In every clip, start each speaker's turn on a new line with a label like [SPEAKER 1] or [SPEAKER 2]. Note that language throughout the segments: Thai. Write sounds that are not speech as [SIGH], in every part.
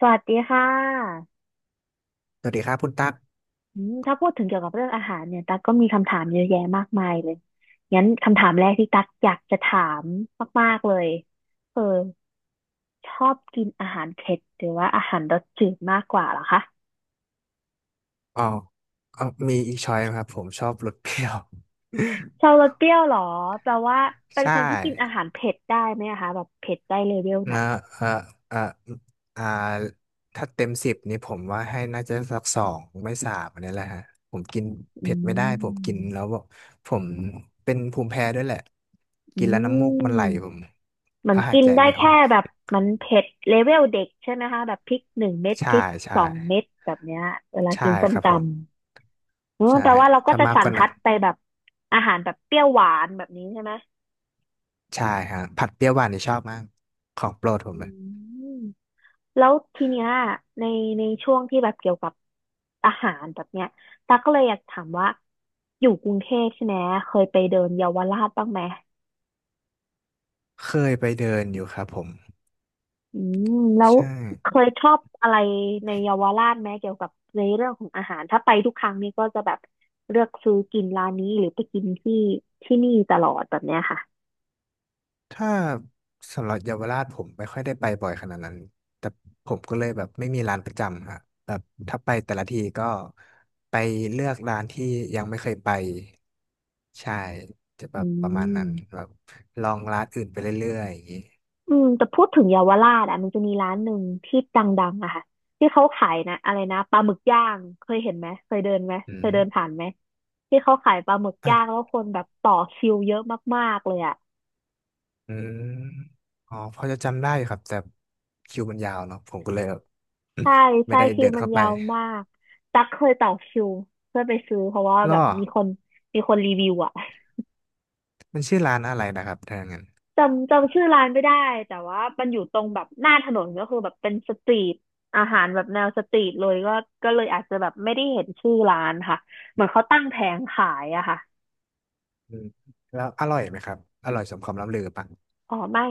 [SPEAKER 1] สวัสดีค่ะ
[SPEAKER 2] สวัสดีครับคุณตั๊ก
[SPEAKER 1] ถ้าพูดถึงเกี่ยวกับเรื่องอาหารเนี่ยตั๊กก็มีคำถามเยอะแยะมากมายเลยงั้นคำถามแรกที่ตั๊กอยากจะถามมากๆเลยเออชอบกินอาหารเผ็ดหรือว่าอาหารรสจืดมากกว่าเหรอคะ
[SPEAKER 2] อ๋อมีอีกช้อยนะครับผมชอบรสเปรี้ยว
[SPEAKER 1] ชอบรสเปรี้ยวเหรอแปลว่า
[SPEAKER 2] [LAUGHS]
[SPEAKER 1] เป็น
[SPEAKER 2] ใช่
[SPEAKER 1] คนที่กินอาหารเผ็ดได้ไหมอะคะแบบเผ็ดได้เลเวลไหน
[SPEAKER 2] นะเออเอออ่าถ้าเต็มสิบนี่ผมว่าให้น่าจะสักสองไม่สามอันนี้แหละฮะ ผมกิน
[SPEAKER 1] อื
[SPEAKER 2] เผ็ดไม่ได้ผมกินแล้ว
[SPEAKER 1] ม
[SPEAKER 2] แบบผมเป็นภูมิแพ้ด้วยแหละ
[SPEAKER 1] อื
[SPEAKER 2] กินแล้วน้ำ
[SPEAKER 1] ม
[SPEAKER 2] มูกมันไหลผม
[SPEAKER 1] เหมือ
[SPEAKER 2] แล้
[SPEAKER 1] น
[SPEAKER 2] วหาย
[SPEAKER 1] กิน
[SPEAKER 2] ใจ
[SPEAKER 1] ได้
[SPEAKER 2] ไม่ออ
[SPEAKER 1] แค่
[SPEAKER 2] ก
[SPEAKER 1] แบบมันเผ็ดเลเวลเด็กใช่ไหมคะแบบพริกหนึ่งเม็ดพ
[SPEAKER 2] ใช่
[SPEAKER 1] ริก
[SPEAKER 2] ใช่
[SPEAKER 1] สองเม็ดแบบเนี้ยเวลา
[SPEAKER 2] ใช่
[SPEAKER 1] กินส้
[SPEAKER 2] ค
[SPEAKER 1] ม
[SPEAKER 2] รับ
[SPEAKER 1] ต
[SPEAKER 2] ผม
[SPEAKER 1] ำ
[SPEAKER 2] ใช่
[SPEAKER 1] แปลว่าเราก็
[SPEAKER 2] ถ้า
[SPEAKER 1] จะ
[SPEAKER 2] มาก
[SPEAKER 1] สั
[SPEAKER 2] ก
[SPEAKER 1] น
[SPEAKER 2] ว่า
[SPEAKER 1] ทั
[SPEAKER 2] นั้น
[SPEAKER 1] ดไปแบบอาหารแบบเปรี้ยวหวานแบบนี้ใช่ไหม
[SPEAKER 2] ใช่ฮะผัดเปรี้ยวหวานนี่ชอบมาก ของโปรดผ
[SPEAKER 1] อื
[SPEAKER 2] มเลย
[SPEAKER 1] มแล้วทีเนี้ยในในช่วงที่แบบเกี่ยวกับอาหารแบบเนี้ยตาก็เลยอยากถามว่าอยู่กรุงเทพใช่ไหมเคยไปเดินเยาวราชบ้างไหม
[SPEAKER 2] เคยไปเดินอยู่ครับผม
[SPEAKER 1] อืมแล้ว
[SPEAKER 2] ใช่
[SPEAKER 1] เคยชอบอะไรในเยาวราชไหมเกี่ยวกับในเรื่องของอาหารถ้าไปทุกครั้งนี่ก็จะแบบเลือกซื้อกินร้านนี้หรือไปกินที่ที่นี่ตลอดแบบเนี้ยค่ะ
[SPEAKER 2] ถ้าสำหรับเยาวราชผมไม่ค่อยได้ไปบ่อยขนาดนั้นแต่ผมก็เลยแบบไม่มีร้านประจำฮะแบบถ้าไปแต่ละทีก็ไปเลือกร้านที่ยังไม่เคยไปใช่จะแบ
[SPEAKER 1] อื
[SPEAKER 2] บประมาณนั้นแบ
[SPEAKER 1] ม
[SPEAKER 2] บลองร้านอื่นไปเรื่อยๆอย่างนี้
[SPEAKER 1] แต่พูดถึงเยาวราชอ่ะมันจะมีร้านหนึ่งที่ดังๆอะค่ะที่เขาขายนะอะไรนะปลาหมึกย่างเคยเห็นไหมเคยเดินไหม
[SPEAKER 2] อื
[SPEAKER 1] เคย
[SPEAKER 2] ม
[SPEAKER 1] เดินผ่านไหมที่เขาขายปลาหมึกย่างแล้
[SPEAKER 2] อ่ะ
[SPEAKER 1] วคนแบบต่อคิวเยอะมากๆเลยอะ
[SPEAKER 2] อืมอ๋อพอจะจำได้อยู่ครับแต่คิวมันยาวเนาะผมก็เลยแบบ [COUGHS]
[SPEAKER 1] ใช่
[SPEAKER 2] [CLEARS THROAT] ไม่
[SPEAKER 1] ใช่
[SPEAKER 2] ได้
[SPEAKER 1] คิ
[SPEAKER 2] เดิ
[SPEAKER 1] ว
[SPEAKER 2] น
[SPEAKER 1] มัน
[SPEAKER 2] เข้าไป
[SPEAKER 1] ยาวมาก ตั๊กเคยต่อคิวเพื่อไปซื้อเพราะว่าแบ
[SPEAKER 2] ล่
[SPEAKER 1] บ
[SPEAKER 2] อ
[SPEAKER 1] มีคนรีวิวอะ [LAUGHS]
[SPEAKER 2] มันชื่อร้านอะไรนะครับถ้าอย่างนั้น
[SPEAKER 1] จำชื่อร้านไม่ได้แต่ว่ามันอยู่ตรงแบบหน้าถนนก็คือแบบเป็นสตรีทอาหารแบบแนวสตรีทเลยก็เลยอาจจะแบบไม่ได้เห็นชื่อร้านค่ะเหมือนเขาตั้งแผงขายอะค่ะ
[SPEAKER 2] อืมแล้วอร่อยไหมครับอร่อยสมคำล่ำลือปะ
[SPEAKER 1] อ๋อไม่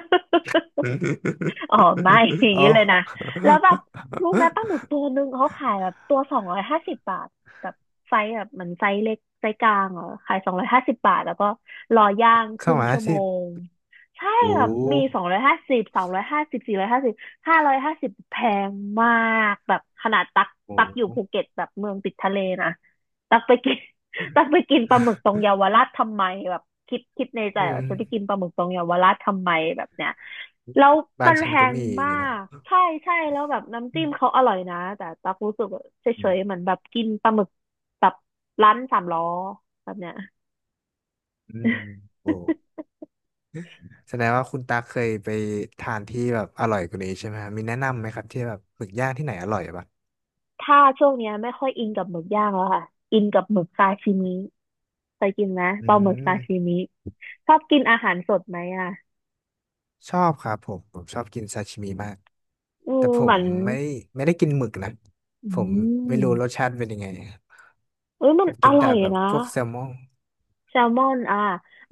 [SPEAKER 1] [LAUGHS] อ๋อไม่ [LAUGHS] อ
[SPEAKER 2] [LAUGHS]
[SPEAKER 1] ย่าง
[SPEAKER 2] โอ้
[SPEAKER 1] นี้เลยนะแล้วแบบรู้ไหมปลาหมึก
[SPEAKER 2] [LAUGHS]
[SPEAKER 1] ตัวหนึ่งเขาขายแบบตัวสองร้อยห้าสิบบาทแบบไซส์แบบเหมือนไซส์เล็กไซส์กลางเหรอขายสองร้อยห้าสิบบาทแล้วก็รอย่างค
[SPEAKER 2] สอง
[SPEAKER 1] รึ่ง
[SPEAKER 2] ร้อย
[SPEAKER 1] ชั่
[SPEAKER 2] ห้า
[SPEAKER 1] วโม
[SPEAKER 2] สิบ
[SPEAKER 1] งใช่
[SPEAKER 2] โอ้
[SPEAKER 1] แบบมี250 250 450 550แพงมากแบบขนาดตัก
[SPEAKER 2] โ
[SPEAKER 1] ตักอยู่
[SPEAKER 2] ห
[SPEAKER 1] ภูเก็ตแบบเมืองติดทะเลนะตักไปกิน จะไปกินปลาหมึกตรงเยาวราชทำไมแบบคิดในใจ
[SPEAKER 2] อืม
[SPEAKER 1] ว่าจะไปกินปลาหมึกตรงเยาวราชทำไมแบบเนี้ยแล้ว
[SPEAKER 2] บ้า
[SPEAKER 1] มั
[SPEAKER 2] น
[SPEAKER 1] นแพ
[SPEAKER 2] ฉันก็
[SPEAKER 1] ง
[SPEAKER 2] มีอย่าง
[SPEAKER 1] มา
[SPEAKER 2] เงี้ยเนาะ
[SPEAKER 1] กใช่ใช่แล้วแบบน้ำ
[SPEAKER 2] อื
[SPEAKER 1] จิ้มเขา
[SPEAKER 2] ม
[SPEAKER 1] อร่อยนะแต่ตักรู้สึกว่าเฉ
[SPEAKER 2] อืม
[SPEAKER 1] ยๆเหมือนแบบกินปลาหมึกแบบร้านสามล้อแบบเนี้ย
[SPEAKER 2] อืมโอ้แสดงว่าคุณตาเคยไปทานที่แบบอร่อยกว่านี้ใช่ไหมฮะมีแนะนำไหมครับที่แบบหมึกย่างที่ไหนอร่อยปะ
[SPEAKER 1] ถ้าช่วงเนี้ยไม่ค่อยอินกับหมึกย่างแล้วค่ะอินกับหมึกซาชิมิเคยกินไหม
[SPEAKER 2] อื
[SPEAKER 1] ปลาหมึกซาชิ
[SPEAKER 2] ม
[SPEAKER 1] มิชอบกินอาหารสดไหมอ่ะ
[SPEAKER 2] ชอบครับผมผมชอบกินซาชิมิมากแต่ผ
[SPEAKER 1] เหมื
[SPEAKER 2] ม
[SPEAKER 1] อน
[SPEAKER 2] ไม่ไม่ได้กินหมึกนะ
[SPEAKER 1] อื
[SPEAKER 2] ผมไม่รู้รส
[SPEAKER 1] ม
[SPEAKER 2] ชาติเป็นยังไง
[SPEAKER 1] เอ้ยมั
[SPEAKER 2] ผ
[SPEAKER 1] น
[SPEAKER 2] ม
[SPEAKER 1] อ
[SPEAKER 2] กิน
[SPEAKER 1] ร่
[SPEAKER 2] แต่
[SPEAKER 1] อย
[SPEAKER 2] แบบ
[SPEAKER 1] นะ
[SPEAKER 2] พวกแซลมอน
[SPEAKER 1] แซลมอนอ่า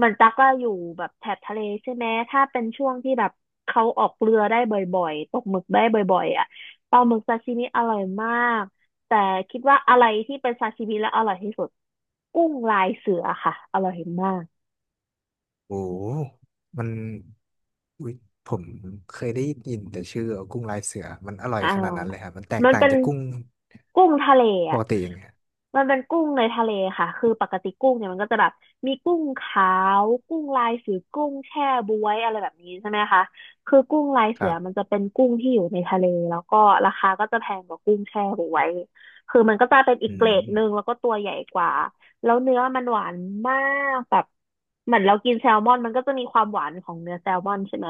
[SPEAKER 1] มันตักก็อยู่แบบแถบทะเลใช่ไหมถ้าเป็นช่วงที่แบบเขาออกเรือได้บ่อยๆตกหมึกได้บ่อยๆอ่ะปลาหมึกซาชิมิอร่อยมากแต่คิดว่าอะไรที่เป็นซาชิมิแล้วอร่อยที่สุดกุ้งลายเสือค่ะอร่อยมาก
[SPEAKER 2] โอ้โหมันอุ๊ยผมเคยได้ยินแต่ชื่อกุ้งลายเสือมันอร่อย
[SPEAKER 1] อ่า
[SPEAKER 2] ขนาดนั้นเลยครับมันแตก
[SPEAKER 1] มัน
[SPEAKER 2] ต่าง
[SPEAKER 1] เป็น
[SPEAKER 2] จากกุ้ง
[SPEAKER 1] กุ้งทะเล
[SPEAKER 2] ป
[SPEAKER 1] อ่ะ
[SPEAKER 2] กติยังไง
[SPEAKER 1] มันเป็นกุ้งในทะเลค่ะคือปกติกุ้งเนี่ยมันก็จะแบบมีกุ้งขาวกุ้งลายเสือกุ้งแช่บ๊วยอะไรแบบนี้ใช่ไหมคะคือกุ้งลาย
[SPEAKER 2] ค
[SPEAKER 1] เสื
[SPEAKER 2] รั
[SPEAKER 1] อมัน
[SPEAKER 2] บ
[SPEAKER 1] จะเป็นกุ้งที่อยู่ในทะเลแล้วก็ราคาก็จะแพงกว่ากุ้งแช่บ๊วยคือมันก็จะเป็นอี
[SPEAKER 2] อื
[SPEAKER 1] กเกร
[SPEAKER 2] ม
[SPEAKER 1] ดหนึ่งแล้วก็ตัวใหญ่กว่าแล้วเนื้อมันหวานมากแบบเหมือนเรากินแซลมอนมันก็จะมีความหวานของเนื้อแซลมอนใช่ไหม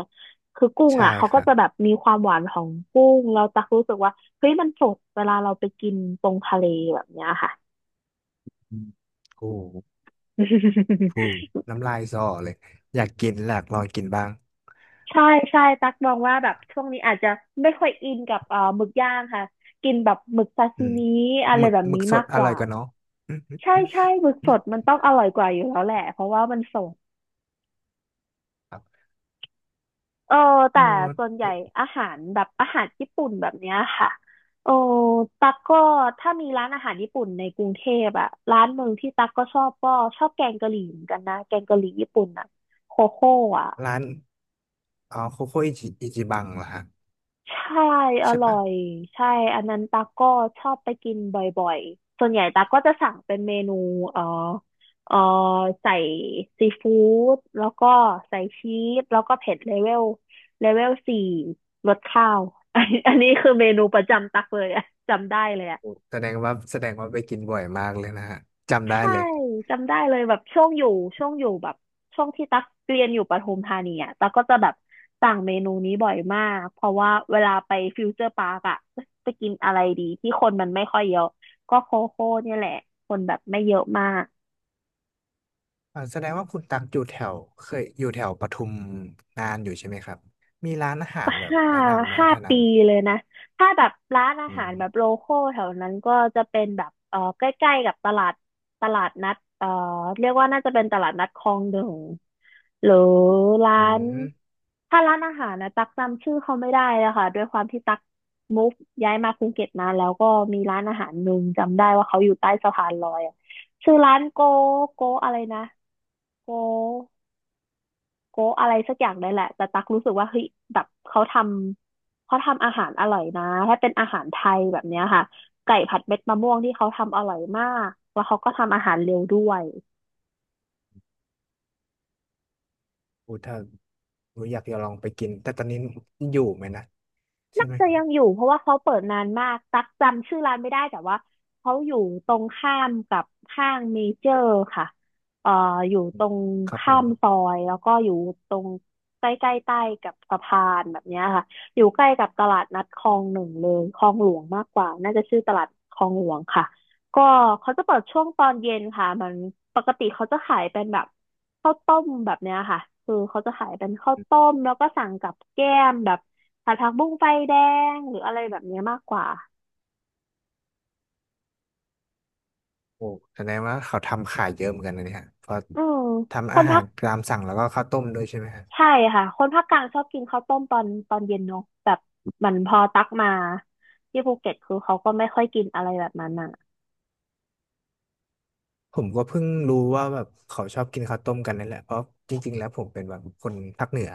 [SPEAKER 1] คือกุ้ง
[SPEAKER 2] ใช่
[SPEAKER 1] อ่ะเขา
[SPEAKER 2] ค
[SPEAKER 1] ก็
[SPEAKER 2] รับ
[SPEAKER 1] จะแบบมีความหวานของกุ้งเราตักรู้สึกว่าเฮ้ยมันสดเวลาเราไปกินตรงทะเลแบบเนี้ยค่ะ
[SPEAKER 2] อืมโอ้โห
[SPEAKER 1] [LAUGHS]
[SPEAKER 2] ฟูน้ำลายสอเลยอยากกินอยากลองกินบ้าง
[SPEAKER 1] ใช่ใช่ตักมองว่าแบบช่วงนี้อาจจะไม่ค่อยอินกับหมึกย่างค่ะกินแบบหมึกซา
[SPEAKER 2] อื
[SPEAKER 1] ซิ
[SPEAKER 2] ม
[SPEAKER 1] มิอะ
[SPEAKER 2] ห
[SPEAKER 1] ไร
[SPEAKER 2] มึก
[SPEAKER 1] แบบ
[SPEAKER 2] หมึก
[SPEAKER 1] นี้
[SPEAKER 2] ส
[SPEAKER 1] มา
[SPEAKER 2] ด
[SPEAKER 1] ก
[SPEAKER 2] อ
[SPEAKER 1] ก
[SPEAKER 2] ร่อ
[SPEAKER 1] ว่า
[SPEAKER 2] ยกว่าเนาะ
[SPEAKER 1] ใช่ใช่หมึกสดมันต้องอร่อยกว่าอยู่แล้วแหละเพราะว่ามันสด
[SPEAKER 2] ครับ
[SPEAKER 1] เออ
[SPEAKER 2] อ๋
[SPEAKER 1] แต่
[SPEAKER 2] อ
[SPEAKER 1] ส่วนใหญ่อาหารแบบอาหารญี่ปุ่นแบบเนี้ยค่ะโอ้ตั๊กก็ถ้ามีร้านอาหารญี่ปุ่นในกรุงเทพอะร้านหนึ่งที่ตั๊กก็ชอบก็ชอบแกงกะหรี่เหมือนกันนะแกงกะหรี่ญี่ปุ่นอะโคโค่อะ
[SPEAKER 2] ร้านอ๋อโคโค่อิจิอิจิบังเหรอฮะ
[SPEAKER 1] ใช่อ
[SPEAKER 2] ใช่
[SPEAKER 1] ร่อ
[SPEAKER 2] ปะ
[SPEAKER 1] ยใช่อันนั้นตาก็ชอบไปกินบ่อยๆ ส่วนใหญ่ตาก็จะสั่งเป็นเมนูเอ่อเอ่อใส่ซีฟู้ดแล้วก็ใส่ชีสแล้วก็เผ็ดเลเวลสี่รสข้าว [LAUGHS] อันนี้คือเมนูประจำตักเลยอะจำได้เลยอะ
[SPEAKER 2] โอ้แสดงว่าแสดงว่าไปกินบ่อยมากเลยนะฮะจำได้
[SPEAKER 1] ใช่
[SPEAKER 2] เลย
[SPEAKER 1] จำได้เลยแบบช่วงอยู่ช่วงอยู่แบบช่วงที่ตักเรียนอยู่ปทุมธานีอ่ะตักก็จะแบบสั่งเมนูนี้บ่อยมากเพราะว่าเวลาไปฟิวเจอร์ปาร์กอ่ะจะกินอะไรดีที่คนมันไม่ค่อยเยอะก็โคโค่เนี่ยแหละคนแบบไม่เยอะมาก [LAUGHS]
[SPEAKER 2] อ่าแสดงว่าคุณตักอยู่แถวเคยอยู่แถวปทุมนานอยู่ใช่ไหมครับมีร้านอาหา
[SPEAKER 1] ก็
[SPEAKER 2] รแบบ
[SPEAKER 1] ห้า
[SPEAKER 2] แนะนำไหมครับ
[SPEAKER 1] ห้า
[SPEAKER 2] แถวนั้
[SPEAKER 1] ปี
[SPEAKER 2] น
[SPEAKER 1] เลยนะถ้าแบบร้านอา
[SPEAKER 2] อื
[SPEAKER 1] หารแบบโล
[SPEAKER 2] ม
[SPEAKER 1] คอลแถวนั้นก็จะเป็นแบบเออใกล้ๆกับตลาดนัดเรียกว่าน่าจะเป็นตลาดนัดคลองหนึ่งหรือร้า
[SPEAKER 2] อื
[SPEAKER 1] น
[SPEAKER 2] ม
[SPEAKER 1] ถ้าร้านอาหารนะตักจำชื่อเขาไม่ได้แล้วค่ะด้วยความที่ตักมูฟย้ายมาภูเก็ตนานแล้วก็มีร้านอาหารหนึ่งจำได้ว่าเขาอยู่ใต้สะพานลอยอะชื่อร้านโกโกอะไรนะโกโกอะไรสักอย่างนี่นแหละแต่ตักรู้สึกว่าเฮ้ยแบบเขาทำอาหารอร่อยนะถ้าเป็นอาหารไทยแบบเนี้ยค่ะไก่ผัดเม็ดมะม่วงที่เขาทำอร่อยมากแล้วเขาก็ทำอาหารเร็วด้วย
[SPEAKER 2] อูถ้าอูอยากจะลองไปกินแต่ตอนนี้อยู่ไหมนะใช่
[SPEAKER 1] น่า
[SPEAKER 2] ไหม
[SPEAKER 1] จะยังอยู่เพราะว่าเขาเปิดนานมากตักจำชื่อร้านไม่ได้แต่ว่าเขาอยู่ตรงข้ามกับห้างเมเจอร์ค่ะเอ่ออยู่
[SPEAKER 2] อื
[SPEAKER 1] ต
[SPEAKER 2] ม
[SPEAKER 1] รง
[SPEAKER 2] ครับผ
[SPEAKER 1] ข้า
[SPEAKER 2] ม
[SPEAKER 1] มซอยแล้วก็อยู่ตรงใกล้ๆใต้กับสะพานแบบเนี้ยค่ะอยู่ใกล้กับตลาดนัดคลองหนึ่งเลยคลองหลวงมากกว่าน่าจะชื่อตลาดคลองหลวงค่ะ ก็เขาจะเปิดช่วงตอนเย็นค่ะมันปกติเขาจะขายเป็นแบบข้าวต้มแบบเนี้ยค่ะคือเขาจะขายเป็นข้าวต้มแล้วก็สั่งกับแก้มแบบผัดผักบุ้งไฟแดงหรืออะไรแบบเนี้ยมากกว่า
[SPEAKER 2] โอ้แสดงว่าเขาทำขายเยอะเหมือนกันนะเนี่ยเพราะ
[SPEAKER 1] อืมค
[SPEAKER 2] ทำอา
[SPEAKER 1] น
[SPEAKER 2] หา
[SPEAKER 1] ภา
[SPEAKER 2] ร
[SPEAKER 1] ค
[SPEAKER 2] ตามสั่งแล้วก็ข้าวต้มด้วยใช่ไหมฮะ
[SPEAKER 1] ใช่ค่ะคนภาคกลางชอบกินข้าวต้มตอนตอนเย็นเนาะแบบเหมันพอตักมาที่ภูเก็ตคือเขาก็ไม่ค่อยกินอะไรแบบนั้นอ่ะ
[SPEAKER 2] ผมก็เพิ่งรู้ว่าแบบเขาชอบกินข้าวต้มกันนั่นแหละเพราะจริงๆแล้วผมเป็นแบบคนภาคเหนือ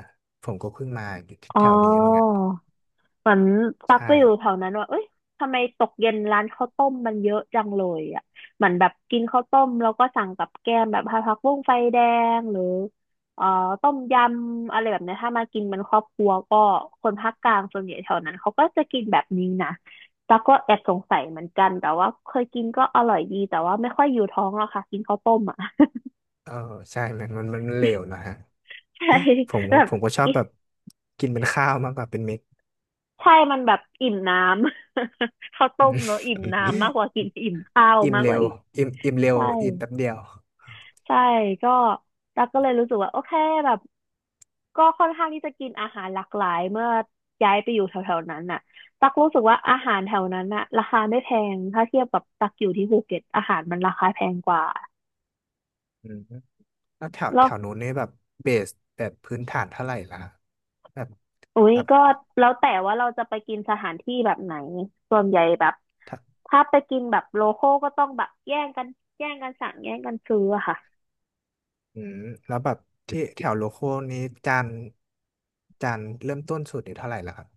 [SPEAKER 2] ผมก็เพิ่งมาอยู่ที่
[SPEAKER 1] อ๋อ
[SPEAKER 2] แถวนี้เหมือนกัน
[SPEAKER 1] เหมือนตักไป
[SPEAKER 2] ใช่
[SPEAKER 1] อยู่แถวนั้นว่าเอ้ยทำไมตกเย็นร้านข้าวต้มมันเยอะจังเลยอ่ะเหมือนแบบกินข้าวต้มแล้วก็สั่งกับแกล้มแบบผักบุ้งไฟแดงหรือเอ่อต้มยำอะไรแบบเนี้ยถ้ามากินเป็นครอบครัวก็คนภาคกลางส่วนใหญ่แถวนั้นเขาก็จะกินแบบนี้นะตักก็แอบสงสัยเหมือนกันแต่ว่าเคยกินก็อร่อยดีแต่ว่าไม่ค่อยอยู่ท้องหรอกค่ะกินข้าวต้มอ่ะ
[SPEAKER 2] เออใช่มันมันมันเลวนะฮะ
[SPEAKER 1] [LAUGHS] ใช่
[SPEAKER 2] ผม
[SPEAKER 1] แบ
[SPEAKER 2] ก็
[SPEAKER 1] บ
[SPEAKER 2] ผมก็ชอบ
[SPEAKER 1] กิน
[SPEAKER 2] แบบกินเป็นข้าวมากกว่าเป็นเม็ด
[SPEAKER 1] ใช่มันแบบอิ่มน้ำ [LAUGHS] ข้าว
[SPEAKER 2] [LAUGHS] อื
[SPEAKER 1] ต้มเน
[SPEAKER 2] ม
[SPEAKER 1] อะอิ่มน้ำมากกว่ากินอิ่มข้าว
[SPEAKER 2] อิ่ม
[SPEAKER 1] มากก
[SPEAKER 2] เร็
[SPEAKER 1] ว่า
[SPEAKER 2] ว
[SPEAKER 1] อีก
[SPEAKER 2] อิ่มเร็ว
[SPEAKER 1] ใช่
[SPEAKER 2] อิ่มแป๊บเดียว
[SPEAKER 1] ใช่ก็ตักก็เลยรู้สึกว่าโอเคแบบก็ค่อนข้างที่จะกินอาหารหลากหลายเมื่อย้ายไปอยู่แถวๆนั้นน่ะตักรู้สึกว่าอาหารแถวนั้นน่ะราคาไม่แพงถ้าเทียบกับตักอยู่ที่ภูเก็ตอาหารมันราคาแพงกว่า
[SPEAKER 2] อืมแล้วแถวแถ
[SPEAKER 1] แล้ว
[SPEAKER 2] วนู้นเนี่ยแบบเบสแบบพื้นฐานเท่าไหร่ล่ะแบบ
[SPEAKER 1] อุ้ย
[SPEAKER 2] แบบ
[SPEAKER 1] ก็แล้วแต่ว่าเราจะไปกินสถานที่แบบไหนส่วนใหญ่แบบถ้าไปกินแบบโลคอลก็ต้องแบบแย่งกันสั่งแย่งกันซื้ออะค่ะ
[SPEAKER 2] อืมแล้วแบบที่แถวโลโก้นี้จานจานเริ่มต้นสุดนี่เท่าไหร่ล่ะครับ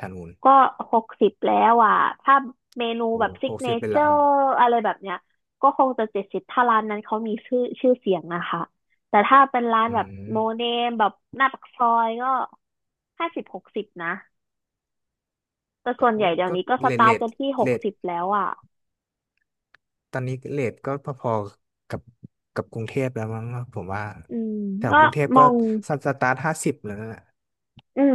[SPEAKER 2] ทางนูน
[SPEAKER 1] ก็60แล้วอ่ะถ้าเมนู
[SPEAKER 2] โอ้
[SPEAKER 1] แบบซิ
[SPEAKER 2] ห
[SPEAKER 1] ก
[SPEAKER 2] ก
[SPEAKER 1] เน
[SPEAKER 2] สิบเป็น
[SPEAKER 1] เจอ
[SPEAKER 2] ละครับ
[SPEAKER 1] ร์อะไรแบบเนี้ยก็คงจะ70ถ้าร้านนั้นเขามีชื่อเสียงนะคะ แต่ถ้าเป็นร้าน
[SPEAKER 2] อื
[SPEAKER 1] แบบโนเน
[SPEAKER 2] ม
[SPEAKER 1] มแบบหน้าปากซอยก็50-60นะ แต่
[SPEAKER 2] ก็
[SPEAKER 1] ส่วนให
[SPEAKER 2] โอ้
[SPEAKER 1] ญ่เดี๋ยว
[SPEAKER 2] ก็
[SPEAKER 1] นี้ก็ส
[SPEAKER 2] เลท
[SPEAKER 1] ตา
[SPEAKER 2] เล
[SPEAKER 1] ร์ท
[SPEAKER 2] ท
[SPEAKER 1] กันที่ห
[SPEAKER 2] เล
[SPEAKER 1] ก
[SPEAKER 2] ท
[SPEAKER 1] สิบแล้วอ่ะ
[SPEAKER 2] ตอนนี้เลทก็พอๆกับกรุงเทพแล้วมั้งผมว่า
[SPEAKER 1] อืม
[SPEAKER 2] แถว
[SPEAKER 1] ก็
[SPEAKER 2] กรุงเทพ
[SPEAKER 1] ม
[SPEAKER 2] ก็
[SPEAKER 1] อง
[SPEAKER 2] สตาร์ทห้าสิบแล้วนะ
[SPEAKER 1] อืม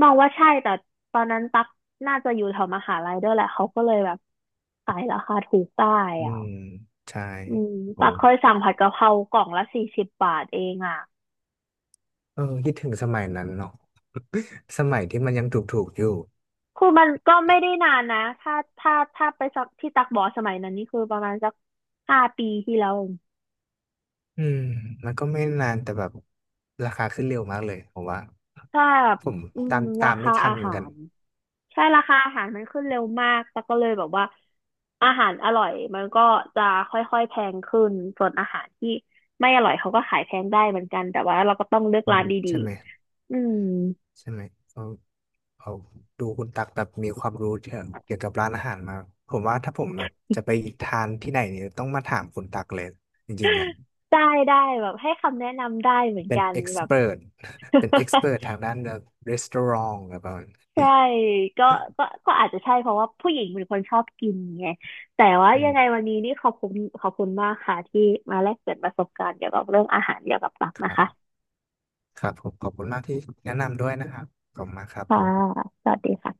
[SPEAKER 1] มองว่าใช่ แต่ตอนนั้นตักน่าจะอยู่แถวมหาลัยด้วยแหละเขาก็เลยแบบขายราคาถูกได้
[SPEAKER 2] อื
[SPEAKER 1] อ่ะ
[SPEAKER 2] มใช่
[SPEAKER 1] อืม
[SPEAKER 2] โอ้
[SPEAKER 1] ปักเคยสั่งผัดกะเพรากล่องละ40 บาทเองอ่ะ
[SPEAKER 2] เออคิดถึงสมัยนั้นเนาะ [LAUGHS] สมัยที่มันยังถูกๆอยู่
[SPEAKER 1] คือมันก็ไม่ได้นานนะถ้าไปสักที่ตักบอสมัยนั้นนี่คือประมาณสักห้าปีที่แล้ว
[SPEAKER 2] อืมมันก็ไม่นานแต่แบบราคาขึ้นเร็วมากเลยผมว่า
[SPEAKER 1] ถ้า
[SPEAKER 2] ผม
[SPEAKER 1] อืม
[SPEAKER 2] ตาม
[SPEAKER 1] รา
[SPEAKER 2] ตาม
[SPEAKER 1] คา
[SPEAKER 2] ไม่ทั
[SPEAKER 1] อา
[SPEAKER 2] นเหมื
[SPEAKER 1] หา
[SPEAKER 2] อนกัน
[SPEAKER 1] รราคาอาหารมันขึ้นเร็วมากตักก็เลยแบบว่าอาหารอร่อยมันก็จะค่อยๆแพงขึ้นส่วนอาหารที่ไม่อร่อยเขาก็ขายแพงได้เหมือนกันแต่ว่าเราก็ต้องเลือก
[SPEAKER 2] อื
[SPEAKER 1] ร้า
[SPEAKER 2] ม
[SPEAKER 1] นดี
[SPEAKER 2] ใช่ไหม
[SPEAKER 1] ๆอืม
[SPEAKER 2] ใช่ไหมเอาเอาดูคุณตักแบบมีความรู้เกี่ยวกับร้านอาหารมากผมว่าถ้าผมแบบจะไปทานที่ไหนเนี่ยต้องมาถามคุณตักเลยจริงๆแหละ
[SPEAKER 1] ได้ได้แบบให้คำแนะนำได้เหมือน
[SPEAKER 2] เป็น
[SPEAKER 1] กัน
[SPEAKER 2] เอ็ก
[SPEAKER 1] แบ
[SPEAKER 2] ซ์
[SPEAKER 1] บ
[SPEAKER 2] เพรส [LAUGHS] เป็นเอ็กซ์เพรส
[SPEAKER 1] [LAUGHS]
[SPEAKER 2] ทางด้านแบบรีสตอรองแบบนั้น
[SPEAKER 1] ใช่ก็ก็อาจจะใช่เพราะว่าผู้หญิงเป็นคนชอบกินไงแต่ว่า
[SPEAKER 2] อื
[SPEAKER 1] ยั
[SPEAKER 2] ม
[SPEAKER 1] งไงวันนี้นี่ขอบคุณขอบคุณมากค่ะที่มาแลกเปลี่ยนประสบการณ์เกี่ยวกับเรื่องอาหารเกี่ยวกับตับ
[SPEAKER 2] ค
[SPEAKER 1] นะ
[SPEAKER 2] รั
[SPEAKER 1] คะ
[SPEAKER 2] บครับผมขอบคุณมากที่แนะนำด้วยนะครับขอบคุณมากครับ
[SPEAKER 1] ค่ะ
[SPEAKER 2] ผม
[SPEAKER 1] สวัสดีค่ะ